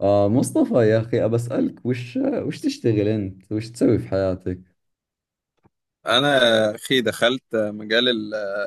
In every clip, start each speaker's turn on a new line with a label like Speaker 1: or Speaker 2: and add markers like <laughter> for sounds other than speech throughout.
Speaker 1: مصطفى يا أخي أبسألك وش تشتغل أنت؟ وش تسوي في حياتك؟
Speaker 2: انا اخي دخلت مجال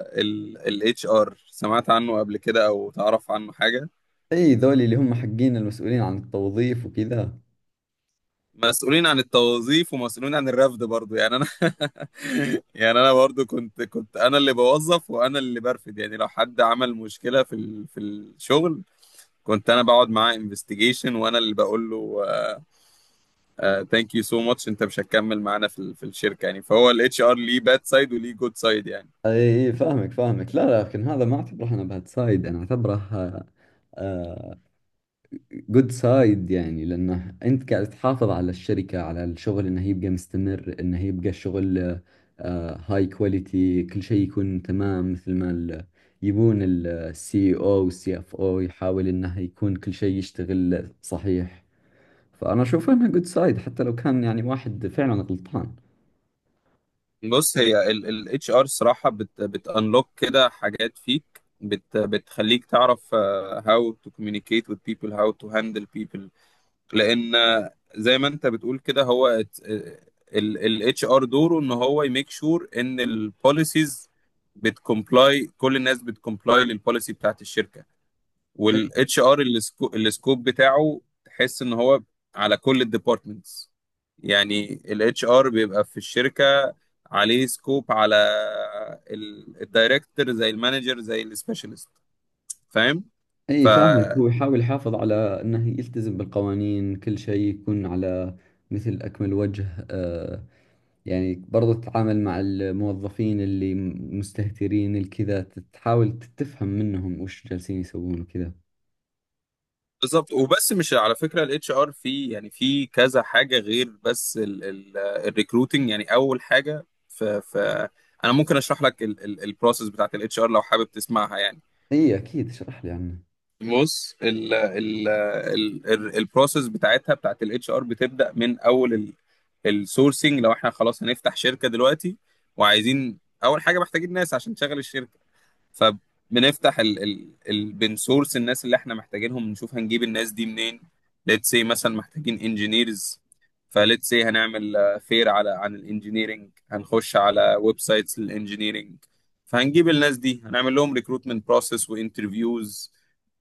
Speaker 2: ال اتش ار، سمعت عنه قبل كده او تعرف عنه حاجه؟
Speaker 1: أي ذولي اللي هم حقين المسؤولين عن التوظيف وكذا.
Speaker 2: مسؤولين عن التوظيف ومسؤولين عن الرفد برضو، يعني انا <laughs> يعني انا برضو كنت انا اللي بوظف وانا اللي برفد، يعني لو حد عمل مشكله في الشغل كنت انا بقعد معاه انفستيجيشن وانا اللي بقول له ثانك يو سو ماتش، انت مش هتكمل معانا في الشركه، يعني فهو الاتش ار ليه باد سايد وليه جود سايد يعني.
Speaker 1: أي أي، فاهمك لا لا، لكن هذا ما أعتبره أنا باد سايد، أنا أعتبره جود سايد. يعني لأنه أنت قاعد تحافظ على الشركة، على الشغل، إنه يبقى مستمر، إنه يبقى الشغل هاي كواليتي، كل شيء يكون تمام مثل ما يبون السي او والسي اف او، يحاول انه يكون كل شيء يشتغل صحيح. فأنا أشوف إنها جود سايد حتى لو كان يعني واحد فعلا غلطان.
Speaker 2: بص، هي الاتش ار الصراحه بتانلوك كده حاجات فيك، بتخليك تعرف how to communicate with people, how to handle people. لان زي ما انت بتقول كده، هو الاتش ار دوره ان هو يميك شور ان البوليسيز بتكمبلاي، كل الناس بتكمبلاي للبوليسي بتاعت الشركه.
Speaker 1: إيه،
Speaker 2: والاتش ار السكوب بتاعه تحس ان هو على كل الديبارتمنتس. يعني الاتش ار بيبقى في الشركه عليه سكوب على الدايركتور، زي المانجر، زي السبيشالست. فاهم؟
Speaker 1: أي فاهمك،
Speaker 2: فبالظبط.
Speaker 1: هو يحاول يحافظ على أنه يلتزم بالقوانين، كل شيء يكون على مثل أكمل وجه. يعني برضو تتعامل مع الموظفين اللي مستهترين الكذا، تحاول تتفهم منهم وش جالسين يسوون وكذا.
Speaker 2: وبس مش على فكره الاتش ار في، يعني في كذا حاجه غير بس الريكروتنج. يعني اول حاجه، ف انا ممكن اشرح لك البروسيس بتاعت الاتش ار لو حابب تسمعها يعني.
Speaker 1: اي اكيد اشرح لي عنه.
Speaker 2: بص، البروسيس بتاعتها، بتاعت الاتش ار، بتبدا من اول السورسنج. لو احنا خلاص هنفتح شركه دلوقتي وعايزين اول حاجه، محتاجين ناس عشان تشغل الشركه، فبنفتح ال ال ال بنسورس الناس اللي احنا محتاجينهم، نشوف هنجيب الناس دي منين. ليتس سي، مثلا محتاجين انجينيرز، فليتس سي هنعمل فير على عن الانجينيرنج، هنخش على ويب سايتس للانجينيرنج. فهنجيب الناس دي، هنعمل لهم ريكروتمنت بروسيس وانترفيوز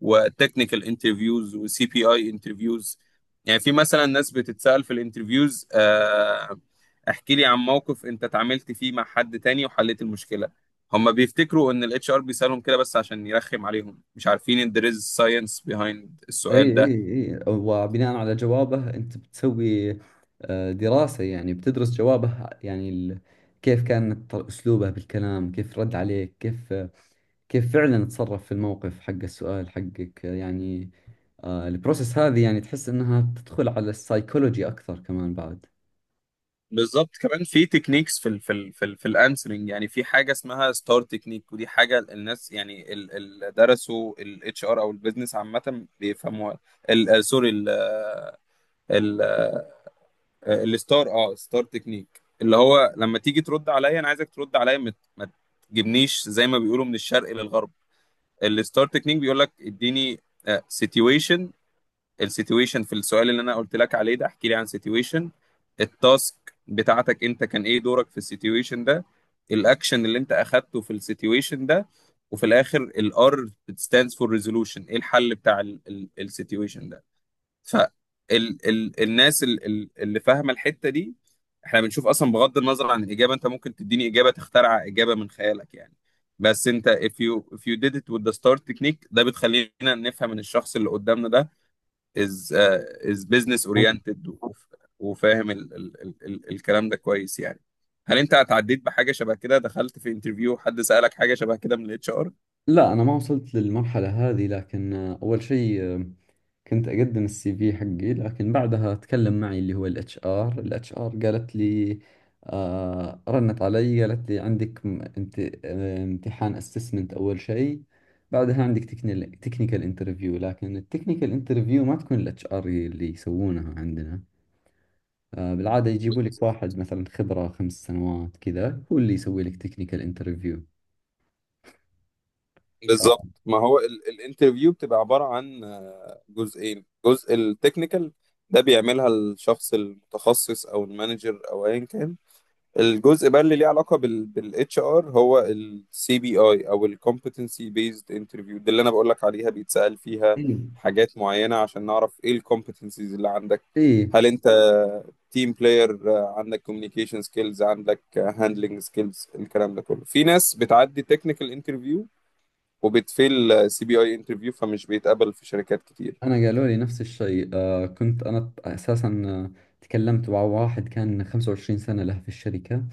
Speaker 2: وتكنيكال انترفيوز وسي بي اي انترفيوز. يعني في مثلا ناس بتتسأل في الانترفيوز احكي لي عن موقف انت اتعاملت فيه مع حد تاني وحليت المشكلة. هم بيفتكروا ان الاتش ار بيسالهم كده بس عشان يرخم عليهم، مش عارفين ان there is science behind
Speaker 1: اي
Speaker 2: السؤال
Speaker 1: اي.
Speaker 2: ده.
Speaker 1: اي، وبناء على جوابه انت بتسوي دراسة، يعني بتدرس جوابه، يعني كيف كان اسلوبه بالكلام، كيف رد عليك، كيف كيف فعلا تصرف في الموقف حق السؤال حقك يعني. البروسيس هذه يعني تحس انها تدخل على السايكولوجي اكثر كمان بعد.
Speaker 2: بالظبط، كمان في تكنيكس في الانسرنج. يعني في حاجه اسمها ستار تكنيك، ودي حاجه الناس، يعني اللي درسوا الاتش ار او البيزنس عامه، بيفهموها. سوري، ال- آه، الستار اه ستار تكنيك، اللي هو لما تيجي ترد عليا، انا عايزك ترد عليا، ما تجيبنيش زي ما بيقولوا من الشرق للغرب. الستار تكنيك بيقول لك اديني سيتويشن. السيتويشن في السؤال اللي انا قلت لك عليه ده، احكي لي عن سيتويشن. التاسك بتاعتك انت، كان ايه دورك في السيتويشن ده. الاكشن اللي انت اخدته في السيتويشن ده. وفي الاخر الار stands for resolution، ايه الحل بتاع السيتويشن ده. ف ال ال الناس ال ال اللي فاهمه الحته دي، احنا بنشوف اصلا بغض النظر عن الاجابه. انت ممكن تديني اجابه، تخترع اجابه من خيالك يعني، بس انت if you did it with the star technique، ده بتخلينا نفهم ان الشخص اللي قدامنا ده از از بزنس اورينتد وفاهم ال ال ال ال الكلام ده كويس يعني. هل انت اتعديت بحاجه شبه كده، دخلت في انترفيو حد سألك حاجه شبه كده من الاتش ار؟
Speaker 1: لا، أنا ما وصلت للمرحلة هذه، لكن أول شيء، كنت أقدم السي في حقي، لكن بعدها تكلم معي اللي هو الاتش ار، الاتش ار قالت لي، آه رنت علي قالت لي عندك امتحان اسسمنت أول شيء، بعدها عندك تكنيكال انترفيو. لكن التكنيكال انترفيو ما تكون الاتش ار اللي يسوونها عندنا، آه بالعادة يجيبوا لك واحد مثلا خبرة خمس سنوات كذا، هو اللي يسوي لك تكنيكال انترفيو.
Speaker 2: بالظبط. ما هو الانترفيو بتبقى عبارة عن جزئين: جزء التكنيكال، ده بيعملها الشخص المتخصص او المانجر او ايا كان. الجزء بقى اللي ليه علاقه بالاتش ار هو السي بي اي او الكومبتنسي بيزد انترفيو، دي اللي انا بقول لك عليها، بيتسأل فيها
Speaker 1: ايوه.
Speaker 2: حاجات معينه عشان نعرف ايه الكومبتنسيز اللي عندك.
Speaker 1: ايه، إيه.
Speaker 2: هل انت تيم بلاير، عندك كوميونيكيشن سكيلز، عندك هاندلنج سكيلز؟ الكلام ده كله. في ناس بتعدي تكنيكال انترفيو وبتفيل سي بي اي انترفيو، فمش بيتقبل في شركات كتير.
Speaker 1: انا قالوا لي نفس الشيء. آه كنت انا اساسا، تكلمت مع واحد كان 25 سنة له في الشركة،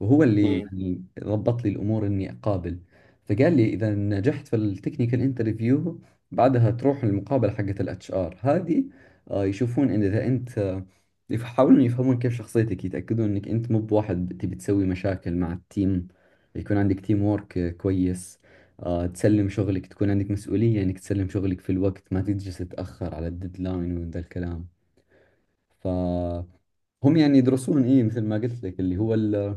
Speaker 1: وهو اللي
Speaker 2: مم.
Speaker 1: يعني ضبط لي الامور اني اقابل، فقال لي اذا نجحت في التكنيكال انترفيو بعدها تروح المقابلة حقت الاتش ار هذه. يشوفون ان اذا انت، يحاولون يفهمون كيف شخصيتك، يتاكدون انك انت مو بواحد تبي تسوي مشاكل مع التيم، يكون عندك تيم وورك كويس، آه تسلم شغلك، تكون عندك مسؤولية انك تسلم شغلك في الوقت، ما تجلس تتأخر على الديدلاين وذا الكلام. فهم يعني يدرسون ايه مثل ما قلت لك اللي هو ال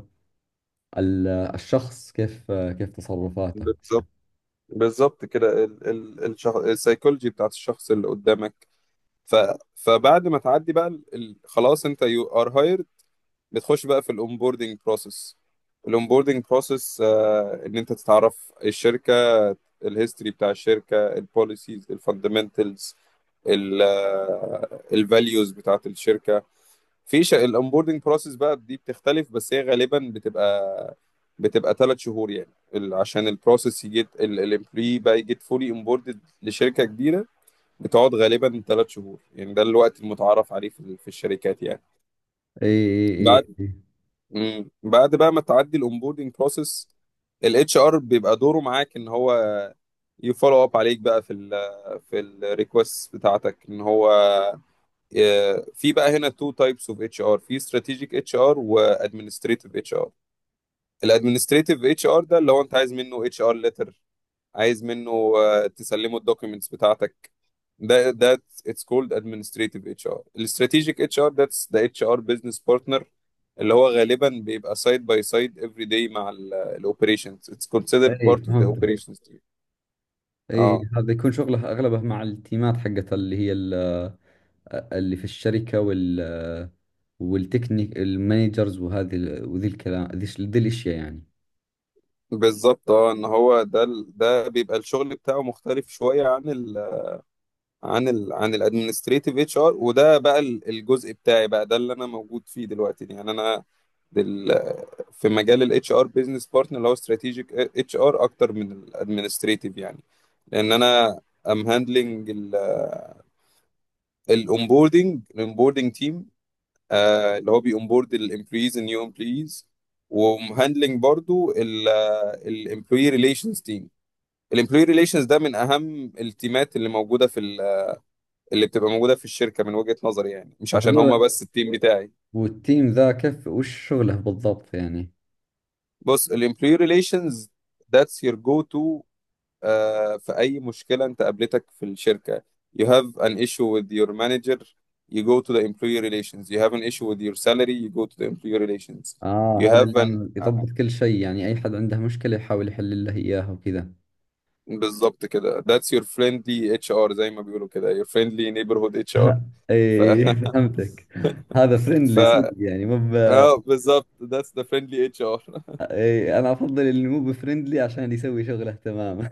Speaker 1: ال الشخص كيف كيف تصرفاته.
Speaker 2: بالظبط، بالظبط كده، السايكولوجي بتاعت الشخص اللي قدامك. ف... فبعد ما تعدي بقى خلاص انت يو ار هايرد، بتخش بقى في الاونبوردنج بروسيس. الاونبوردنج بروسيس ان انت تتعرف الشركه، الهيستوري بتاع الشركه، البوليسيز، الفاندمنتالز، الفاليوز بتاعت الشركه. في ش... الاونبوردنج بروسيس بقى دي بتختلف، بس هي غالبا بتبقى ثلاث شهور. يعني عشان البروسيس يجي الامبلوي بقى يجي فولي امبوردد لشركه كبيره، بتقعد غالبا ثلاث شهور. يعني ده الوقت المتعارف عليه في الشركات يعني.
Speaker 1: اي اي.
Speaker 2: بعد
Speaker 1: اي
Speaker 2: مم. بعد بقى ما تعدي الاونبوردنج بروسيس، الاتش ار بيبقى دوره معاك ان هو يفولو اب عليك بقى في ال في الريكوست بتاعتك، ان هو في بقى هنا تو تايبس اوف اتش ار: في استراتيجيك اتش ار وادمنستريتيف اتش ار. الادمنستريتيف اتش ار ده اللي هو انت عايز منه اتش ار ليتر، عايز منه تسلمه الدوكيومنتس بتاعتك. ده اتس كولد ادمنستريتيف اتش ار. الاستراتيجيك اتش ار، ذاتس ذا اتش ار بزنس بارتنر، اللي هو غالبا بيبقى سايد باي سايد افري داي مع الاوبريشنز، اتس
Speaker 1: اي،
Speaker 2: كونسيدرد
Speaker 1: إي،
Speaker 2: بارت اوف ذا
Speaker 1: فهمتك.
Speaker 2: اوبريشنز تيم.
Speaker 1: اي،
Speaker 2: اه
Speaker 1: هذا يكون شغله اغلبه مع التيمات حقت اللي هي اللي في الشركة وال والتكنيك المانجرز، وهذه وذي الكلام، ذي الاشياء يعني.
Speaker 2: بالظبط، اه ان هو ده ده بيبقى الشغل بتاعه مختلف شويه عن ال عن الادمنستريتيف اتش ار. وده بقى الجزء بتاعي بقى، ده اللي انا موجود فيه دلوقتي يعني. انا دل في مجال الاتش ار بزنس بارتنر، اللي هو استراتيجيك اتش ار اكتر من الادمنستريتيف يعني. لان انا ام هاندلنج الاونبوردنج تيم، اللي هو بيونبورد الامبلويز النيو امبلويز. ومهندلنج برضو الامبلوي ريليشنز تيم. الامبلوي ريليشنز ده من اهم التيمات اللي موجوده في، اللي بتبقى موجوده في الشركه من وجهه نظري، يعني مش عشان هما
Speaker 1: وهذول
Speaker 2: بس التيم بتاعي.
Speaker 1: والتيم ذا كيف وش شغله بالضبط يعني؟
Speaker 2: بص، الامبلوي ريليشنز ذاتس يور جو تو في اي مشكله انت قابلتك في الشركه. you have an issue with your manager, you go to the employee relations. you have an issue with your salary, you go to the employee relations. you
Speaker 1: اه، هذا
Speaker 2: have an
Speaker 1: اللي يضبط كل شيء يعني، اي حد عنده مشكلة يحاول يحل له اياها وكذا.
Speaker 2: بالظبط كده. that's your friendly HR، زي ما بيقولوا كده، your friendly neighborhood HR.
Speaker 1: <laughs>
Speaker 2: ف
Speaker 1: ايه
Speaker 2: <laughs>
Speaker 1: فهمتك. هذا
Speaker 2: ف
Speaker 1: فريندلي صدق يعني،
Speaker 2: اه بالظبط، that's the friendly HR.
Speaker 1: إيه انا افضل اللي مو بفريندلي عشان يسوي شغله تمام.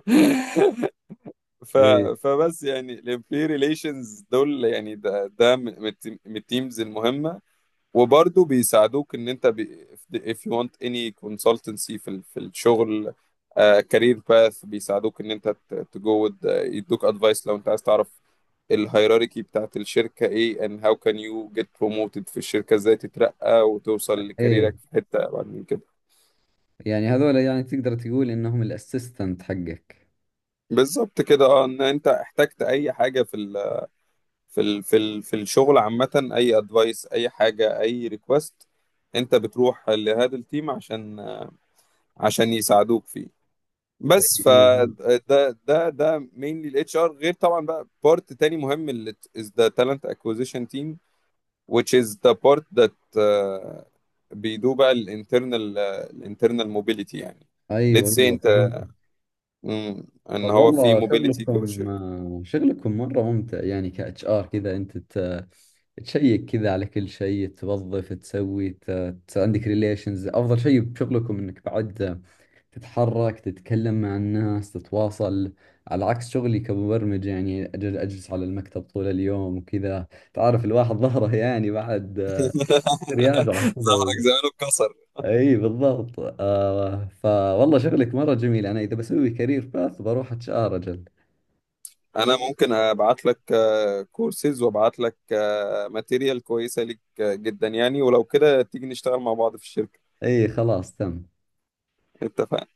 Speaker 2: <laughs> ف...
Speaker 1: <laughs> ايه.
Speaker 2: فبس يعني الامبلوي ريليشنز دول، يعني ده من من التيمز المهمه. وبرضه بيساعدوك ان انت بي... if you want any consultancy في الشغل، كارير باث، بيساعدوك ان انت تجو يدوك ادفايس. لو انت عايز تعرف الهيراركي بتاعت الشركه ايه، and how can you get promoted في الشركه، ازاي تترقى وتوصل
Speaker 1: ايه
Speaker 2: لكاريرك في حته بعد من كده.
Speaker 1: يعني هذول، يعني تقدر تقول انهم الاسيستنت حقك.
Speaker 2: بالظبط كده، اه ان انت احتجت اي حاجه في الشغل عامة، أي أدفايس، أي حاجة، أي ريكوست، أنت بتروح لهذا التيم عشان عشان يساعدوك فيه. بس
Speaker 1: ايوه
Speaker 2: فده ده ده ده mainly ال HR. غير طبعا بقى part تاني مهم، اللي is the talent acquisition team, which is the part that بيدو بقى ال internal، ال internal mobility يعني.
Speaker 1: ايوه.
Speaker 2: let's say
Speaker 1: ايوه
Speaker 2: أنت،
Speaker 1: فهمت.
Speaker 2: إن
Speaker 1: طب <laughs>
Speaker 2: هو في
Speaker 1: والله
Speaker 2: mobility جوه
Speaker 1: شغلكم،
Speaker 2: الشركة.
Speaker 1: شغلكم مرة ممتع يعني، كاتش ار كذا انت تشيك كذا على كل شيء، توظف، تسوي عندك ريليشنز. افضل شيء بشغلكم انك بعد تتحرك، تتكلم مع الناس، تتواصل، على عكس شغلي كمبرمج يعني اجلس على المكتب طول اليوم وكذا. تعرف الواحد ظهره يعني بعد
Speaker 2: <laughs>
Speaker 1: رياضة كذا
Speaker 2: ظهرك زمانه اتكسر.
Speaker 1: اي بالضبط. آه فوالله شغلك مرة جميل، انا اذا بسوي كارير باث بروح اتش ار اجل.
Speaker 2: انا ممكن ابعت لك كورسز وابعت لك ماتيريال كويسه ليك جدا يعني، ولو كده تيجي نشتغل مع بعض في الشركه.
Speaker 1: اي خلاص تم.
Speaker 2: اتفقنا.